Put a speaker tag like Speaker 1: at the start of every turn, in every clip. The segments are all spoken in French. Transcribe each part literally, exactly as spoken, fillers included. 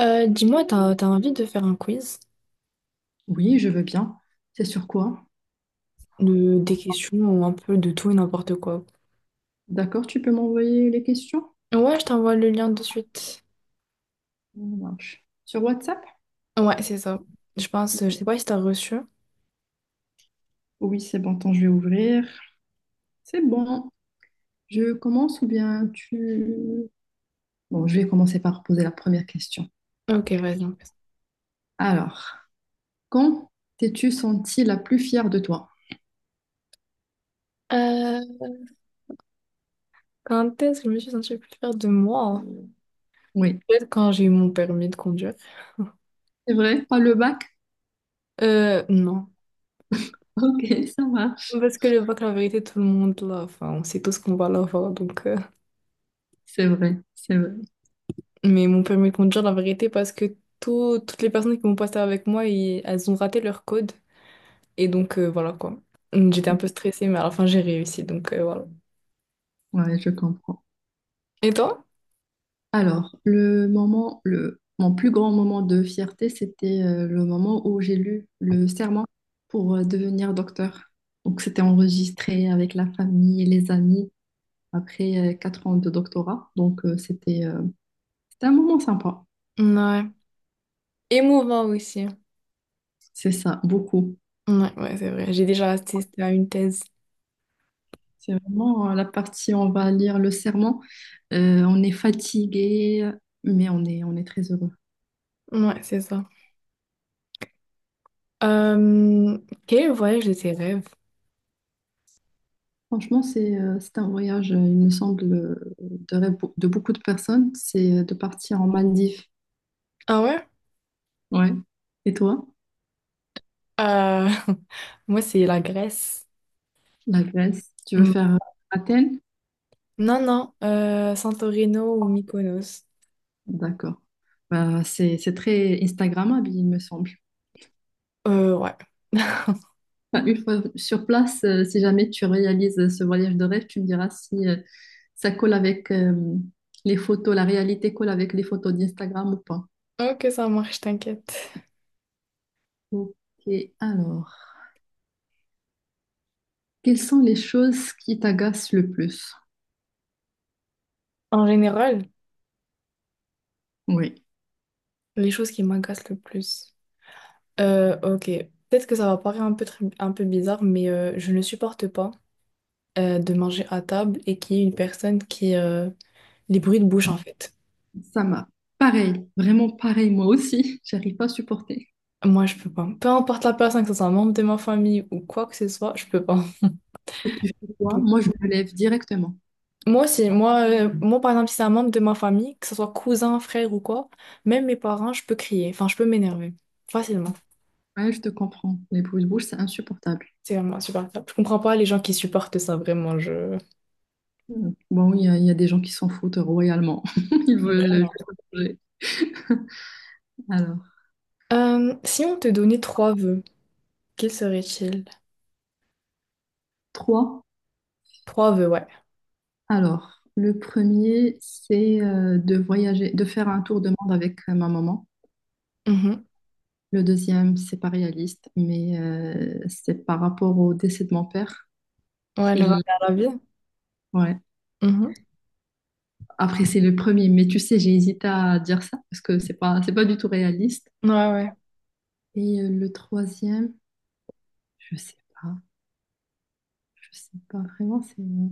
Speaker 1: Euh, dis-moi, t'as, t'as envie de faire un quiz
Speaker 2: Oui, je veux bien. C'est sur quoi?
Speaker 1: de, des questions un peu de tout et n'importe quoi.
Speaker 2: D'accord, tu peux m'envoyer les questions?
Speaker 1: Ouais, je t'envoie le lien de suite.
Speaker 2: Ça marche. Sur WhatsApp?
Speaker 1: Ouais, c'est ça. Je pense, je sais pas si t'as reçu.
Speaker 2: Oui, c'est bon, attends, je vais ouvrir. C'est bon. Je commence ou bien tu... Bon, je vais commencer par poser la première question.
Speaker 1: Ok, vas-y. On fait ça.
Speaker 2: Alors, quand t'es-tu sentie la plus fière de toi?
Speaker 1: Euh, Quand est-ce que je me suis sentie plus fière de moi?
Speaker 2: Oui,
Speaker 1: Peut-être quand j'ai eu mon permis de conduire.
Speaker 2: c'est vrai, pas le bac?
Speaker 1: Euh, non.
Speaker 2: Ok, ça marche.
Speaker 1: Parce que le bac, la vérité, tout le monde l'a. Enfin, on sait tous qu'on va l'avoir, donc... euh.
Speaker 2: C'est vrai, c'est vrai.
Speaker 1: Mais mon permis de conduire, la vérité, parce que tout- toutes les personnes qui m'ont passé avec moi, ils- elles ont raté leur code. Et donc, euh, voilà quoi. J'étais un peu stressée, mais à la fin, j'ai réussi. Donc, euh, voilà.
Speaker 2: Ouais, je comprends.
Speaker 1: Et toi?
Speaker 2: Alors, le moment, le, mon plus grand moment de fierté, c'était euh, le moment où j'ai lu le serment pour euh, devenir docteur. Donc, c'était enregistré avec la famille et les amis après euh, quatre ans de doctorat. Donc, euh, c'était euh, c'était un moment sympa.
Speaker 1: Ouais, émouvant aussi.
Speaker 2: C'est ça, beaucoup.
Speaker 1: Ouais, ouais, c'est vrai. J'ai déjà assisté à une thèse.
Speaker 2: C'est vraiment euh, la partie, on va lire le serment. Euh, on est fatigué, mais on est, on est très heureux.
Speaker 1: Ouais, c'est ça. Euh, Quel voyage de tes rêves?
Speaker 2: Franchement, c'est euh, c'est un voyage, euh, il me semble, euh, de rêve pour- de beaucoup de personnes, c'est euh, de partir en Maldives.
Speaker 1: Ah ouais?
Speaker 2: Ouais. Et toi,
Speaker 1: Euh, Moi, c'est la Grèce.
Speaker 2: la Grèce, tu veux
Speaker 1: Mm.
Speaker 2: faire euh, Athènes?
Speaker 1: Non, non, euh, Santorino ou Mykonos.
Speaker 2: D'accord. Bah, c'est c'est très Instagrammable, il me semble.
Speaker 1: Euh, ouais.
Speaker 2: Enfin, une fois sur place, euh, si jamais tu réalises euh, ce voyage de rêve, tu me diras si euh, ça colle avec euh, les photos, la réalité colle avec les photos d'Instagram ou pas.
Speaker 1: Ok, ça marche, t'inquiète.
Speaker 2: Ok, alors, quelles sont les choses qui t'agacent le plus?
Speaker 1: En général,
Speaker 2: Oui.
Speaker 1: les choses qui m'agacent le plus. Euh, ok. Peut-être que ça va paraître un peu, tr- un peu bizarre, mais euh, je ne supporte pas euh, de manger à table et qu'il y ait une personne qui... euh, les bruits de bouche, en fait.
Speaker 2: Ça m'a. Pareil, vraiment pareil, moi aussi, j'arrive pas à supporter.
Speaker 1: Moi, je peux pas. Peu importe la personne, que ce soit un membre de ma famille ou quoi que ce soit, je peux pas.
Speaker 2: Et tu fais quoi?
Speaker 1: Donc,
Speaker 2: Moi, je me lève directement.
Speaker 1: moi aussi, moi, euh, moi, par exemple, si c'est un membre de ma famille, que ce soit cousin, frère ou quoi, même mes parents, je peux crier. Enfin, je peux m'énerver. Facilement.
Speaker 2: Ouais, je te comprends. Les bruits de bouche, c'est insupportable.
Speaker 1: C'est vraiment insupportable. Je comprends pas les gens qui supportent ça, vraiment. Je...
Speaker 2: Mm. Bon, il y a, il y a des gens qui s'en foutent royalement. Ils veulent
Speaker 1: Vraiment.
Speaker 2: juste manger. Alors,
Speaker 1: Euh, si on te donnait trois vœux, quels seraient-ils?
Speaker 2: trois.
Speaker 1: Trois vœux, ouais.
Speaker 2: Alors, le premier, c'est euh, de voyager, de faire un tour de monde avec euh, ma maman.
Speaker 1: Mhm.
Speaker 2: Le deuxième, c'est pas réaliste, mais euh, c'est par rapport au décès de mon père
Speaker 1: Ouais, le regard
Speaker 2: qu'il
Speaker 1: à la vie.
Speaker 2: ouais.
Speaker 1: Mhm.
Speaker 2: Après, c'est le premier, mais tu sais, j'ai hésité à dire ça parce que c'est pas, c'est pas du tout réaliste.
Speaker 1: Ouais, ouais.
Speaker 2: Et euh, le troisième, je sais pas, je sais pas vraiment, c'est euh,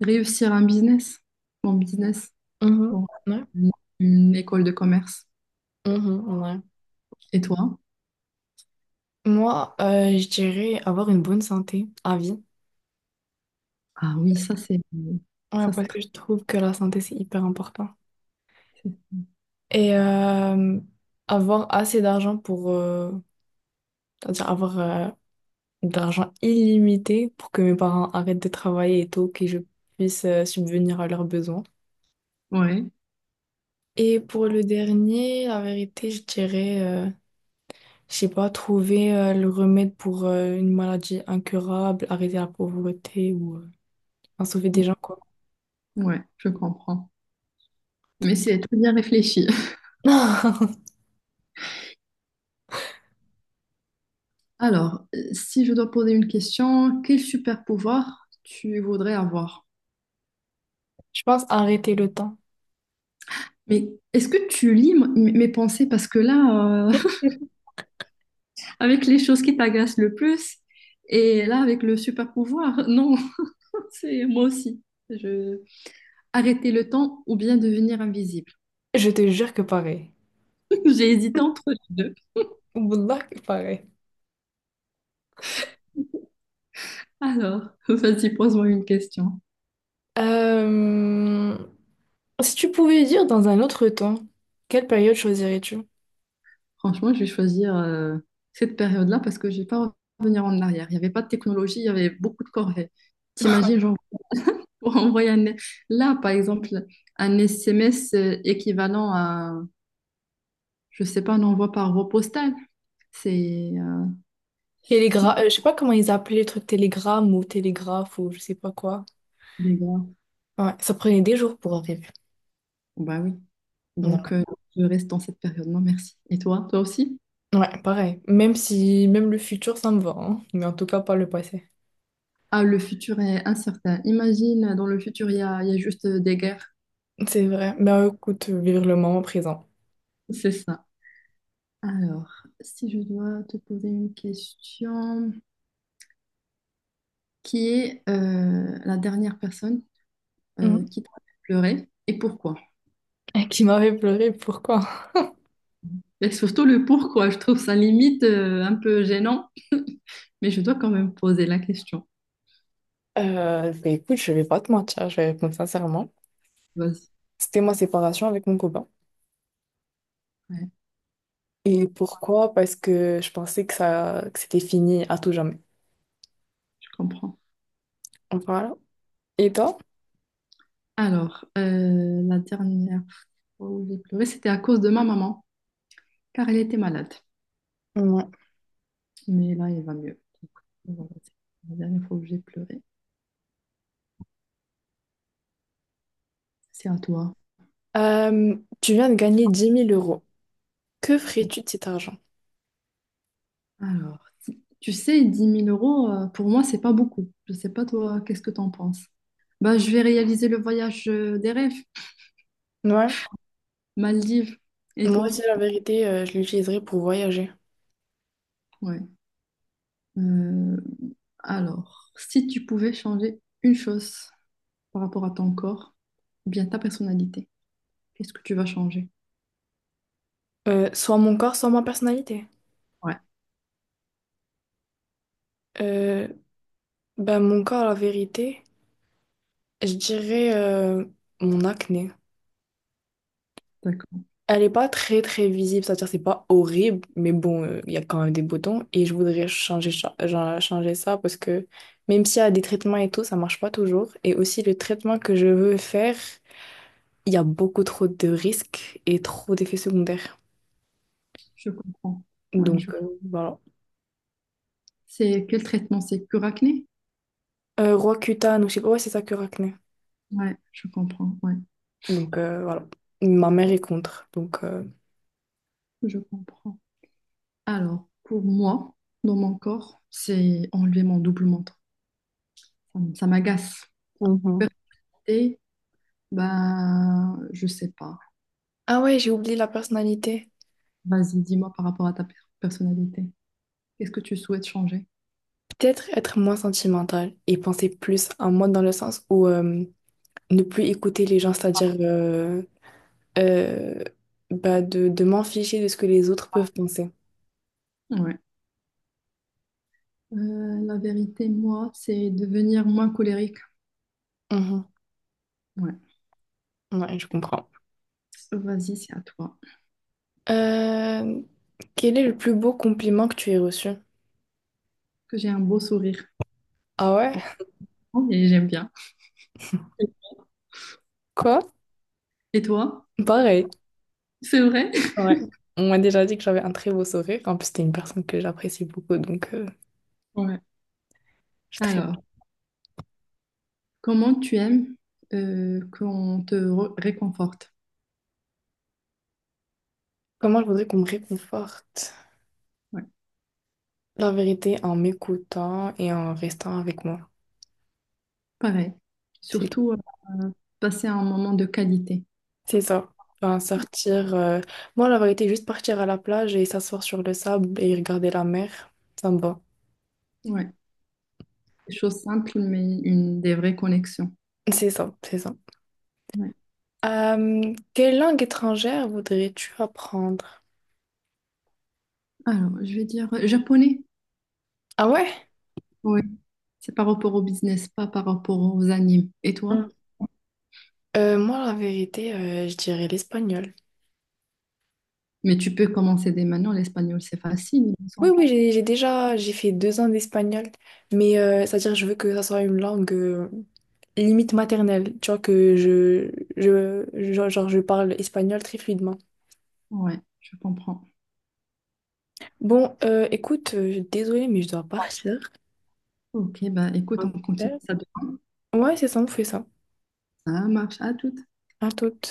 Speaker 2: réussir un business, mon business,
Speaker 1: Mhm.
Speaker 2: bon,
Speaker 1: Ouais.
Speaker 2: une, une école de commerce.
Speaker 1: Mhm. Ouais.
Speaker 2: Et toi?
Speaker 1: Moi, euh, je dirais avoir une bonne santé à vie.
Speaker 2: Ah oui,
Speaker 1: Parce
Speaker 2: ça
Speaker 1: que-
Speaker 2: c'est,
Speaker 1: Ouais,
Speaker 2: ça c'est
Speaker 1: parce
Speaker 2: très-
Speaker 1: que je trouve que la santé, c'est hyper important.
Speaker 2: c'est-
Speaker 1: Et euh, avoir assez d'argent pour... euh, c'est-à-dire avoir euh, de l'argent illimité pour que mes parents arrêtent de travailler et tout, que je puisse euh, subvenir à leurs besoins.
Speaker 2: ouais,
Speaker 1: Et pour le dernier, la vérité, je dirais... euh, Je sais pas, trouver euh, le remède pour euh, une maladie incurable, arrêter la pauvreté ou euh, enfin, sauver des gens, quoi.
Speaker 2: ouais, je comprends. Mais c'est très bien réfléchi. Alors, euh, si je dois poser une question, quel super pouvoir tu voudrais avoir?
Speaker 1: Je pense arrêter le temps.
Speaker 2: Mais est-ce que tu lis m- mes pensées? Parce que là, euh, avec les choses qui t'agacent le plus, et là, avec le super pouvoir, non, c'est moi aussi. Je... Arrêter le temps ou bien devenir invisible.
Speaker 1: Je te jure que pareil.
Speaker 2: J'ai hésité entre les deux.
Speaker 1: Wallah que pareil.
Speaker 2: Alors, vas-y, pose-moi une question.
Speaker 1: Euh, Si tu pouvais dire dans un autre temps, quelle période choisirais-tu?
Speaker 2: Franchement, je vais choisir euh, cette période-là parce que je ne vais pas revenir en arrière. Il n'y avait pas de technologie, il y avait beaucoup de corvées. T'imagines, genre, pour envoyer un... Là, par exemple, un S M S équivalent à je sais pas, n'envoie par voie postale. C'est euh,
Speaker 1: Télégra
Speaker 2: non,
Speaker 1: euh, Je sais pas comment ils appelaient le truc télégramme ou télégraphe ou je sais pas quoi.
Speaker 2: les gars.
Speaker 1: Ouais, ça prenait des jours pour arriver.
Speaker 2: Bah oui. Donc
Speaker 1: Non.
Speaker 2: euh, je reste dans cette période. Non, merci. Et toi, toi aussi?
Speaker 1: Ouais, pareil. Même si, même le futur, ça me va, hein. Mais en tout cas, pas le passé.
Speaker 2: Ah, le futur est incertain. Imagine, dans le futur, il y a, il y a juste euh, des guerres.
Speaker 1: C'est vrai. Ben écoute, vivre le moment présent.
Speaker 2: C'est ça. Alors, si je dois te poser une question, qui est euh, la dernière personne euh,
Speaker 1: Mhm.
Speaker 2: qui t'a fait pleurer et pourquoi?
Speaker 1: Et qui m'avait pleuré, pourquoi?
Speaker 2: Et surtout le pourquoi, je trouve ça limite euh, un peu gênant, mais je dois quand même poser la question.
Speaker 1: Euh, ben écoute, je vais pas te mentir, je vais répondre sincèrement.
Speaker 2: Vas-y,
Speaker 1: C'était ma séparation avec mon copain.
Speaker 2: ouais,
Speaker 1: Et pourquoi? Parce que je pensais que ça, que c'était fini à tout jamais.
Speaker 2: je comprends.
Speaker 1: Voilà. Et toi?
Speaker 2: Alors, euh, la dernière fois où j'ai pleuré, c'était à cause de ma maman, car elle était malade.
Speaker 1: Ouais.
Speaker 2: Mais là, elle va mieux. Donc, voilà, c'est la dernière fois où j'ai pleuré. C'est à toi.
Speaker 1: Euh, Tu viens de gagner dix mille euros. Que ferais-tu de cet argent?
Speaker 2: Alors, si- tu sais, dix mille euros, euh, pour moi, c'est pas beaucoup. Je sais pas, toi, qu'est-ce que t'en penses? Bah, je vais réaliser le voyage euh, des rêves,
Speaker 1: Ouais.
Speaker 2: Maldives. Et
Speaker 1: Moi aussi,
Speaker 2: toi?
Speaker 1: la vérité, euh, je l'utiliserais pour voyager.
Speaker 2: Ouais. Euh, alors, si tu pouvais changer une chose par rapport à ton corps, ou bien ta personnalité, qu'est-ce que tu vas changer?
Speaker 1: Euh, soit mon corps, soit ma personnalité.
Speaker 2: Ouais,
Speaker 1: Euh, ben mon corps, la vérité. Je dirais euh, mon acné.
Speaker 2: d'accord.
Speaker 1: Elle est pas très très visible, c'est-à-dire c'est pas horrible, mais bon, euh, il y a quand même des boutons et je voudrais changer, cha- genre, changer ça parce que même s'il y a des traitements et tout, ça marche pas toujours. Et aussi le traitement que je veux faire, il y a beaucoup trop de risques et trop d'effets secondaires.
Speaker 2: Je comprends. Ouais, je
Speaker 1: Donc,
Speaker 2: comprends.
Speaker 1: euh, voilà.
Speaker 2: C'est quel traitement? C'est cure acné?
Speaker 1: Euh, Roaccutane, ou je sais pas, ouais, c'est ça que acné.
Speaker 2: Ouais, je comprends. Ouais,
Speaker 1: Donc, euh, voilà. Ma mère est contre. Donc euh,
Speaker 2: je comprends. Alors, pour moi, dans mon corps, c'est enlever mon double menton. Ça, m- ça m'agace.
Speaker 1: Mhm.
Speaker 2: Et bah, je sais pas.
Speaker 1: Ah ouais, j'ai oublié la personnalité.
Speaker 2: Vas-y, dis-moi par rapport à ta per- personnalité. Qu'est-ce que tu souhaites changer?
Speaker 1: Peut-être être moins sentimental et penser plus à moi dans le sens où euh, ne plus écouter les gens, c'est-à-dire euh, euh, bah de, de m'en ficher de ce que les autres peuvent penser.
Speaker 2: Ouais. Euh, la vérité, moi, c'est devenir moins colérique.
Speaker 1: Mhm.
Speaker 2: Ouais.
Speaker 1: Ouais, je comprends.
Speaker 2: Vas-y, c'est à toi.
Speaker 1: Euh, Quel est le plus beau compliment que tu aies reçu?
Speaker 2: Que j'ai un beau sourire.
Speaker 1: Ah ouais?
Speaker 2: Et j'aime bien.
Speaker 1: Quoi?
Speaker 2: Et toi?
Speaker 1: Pareil.
Speaker 2: C'est vrai?
Speaker 1: Ouais. On m'a déjà dit que j'avais un très beau sourire. En plus, t'es une personne que j'apprécie beaucoup, donc euh,
Speaker 2: Ouais.
Speaker 1: je suis très...
Speaker 2: Alors, comment tu aimes euh, qu'on te re- réconforte?
Speaker 1: Comment je voudrais qu'on me réconforte?
Speaker 2: Ouais,
Speaker 1: La vérité, en m'écoutant et en restant avec moi.
Speaker 2: pareil.
Speaker 1: C'est tout.
Speaker 2: Surtout euh, passer un moment de qualité.
Speaker 1: C'est ça. Enfin, sortir. euh, Moi, la vérité, juste partir à la plage et s'asseoir sur le sable et regarder la mer, ça me va.
Speaker 2: Ouais, des choses simples, mais une des vraies connexions.
Speaker 1: C'est ça, c'est ça.
Speaker 2: Ouais.
Speaker 1: Euh, quelle langue étrangère voudrais-tu apprendre?
Speaker 2: Alors, je vais dire euh, japonais.
Speaker 1: Ah ouais?
Speaker 2: Oui, c'est par rapport au business, pas par rapport aux animes. Et toi?
Speaker 1: Hmm. Euh, moi, la vérité, euh, je dirais l'espagnol.
Speaker 2: Mais tu peux commencer dès maintenant. L'espagnol, c'est facile, il me
Speaker 1: Oui,
Speaker 2: semble.
Speaker 1: oui, j'ai j'ai déjà, j'ai fait deux ans d'espagnol, mais euh, c'est-à-dire je veux que ça soit une langue euh, limite maternelle, tu vois, que je, je, je- genre, je parle espagnol très fluidement.
Speaker 2: Ouais, je comprends.
Speaker 1: Bon, euh, écoute, euh, désolée, mais je dois partir.
Speaker 2: Ok, bah écoute, on
Speaker 1: Ouais,
Speaker 2: continue ça demain.
Speaker 1: c'est ça, on fait ça.
Speaker 2: Ça marche. À tout.
Speaker 1: À tout.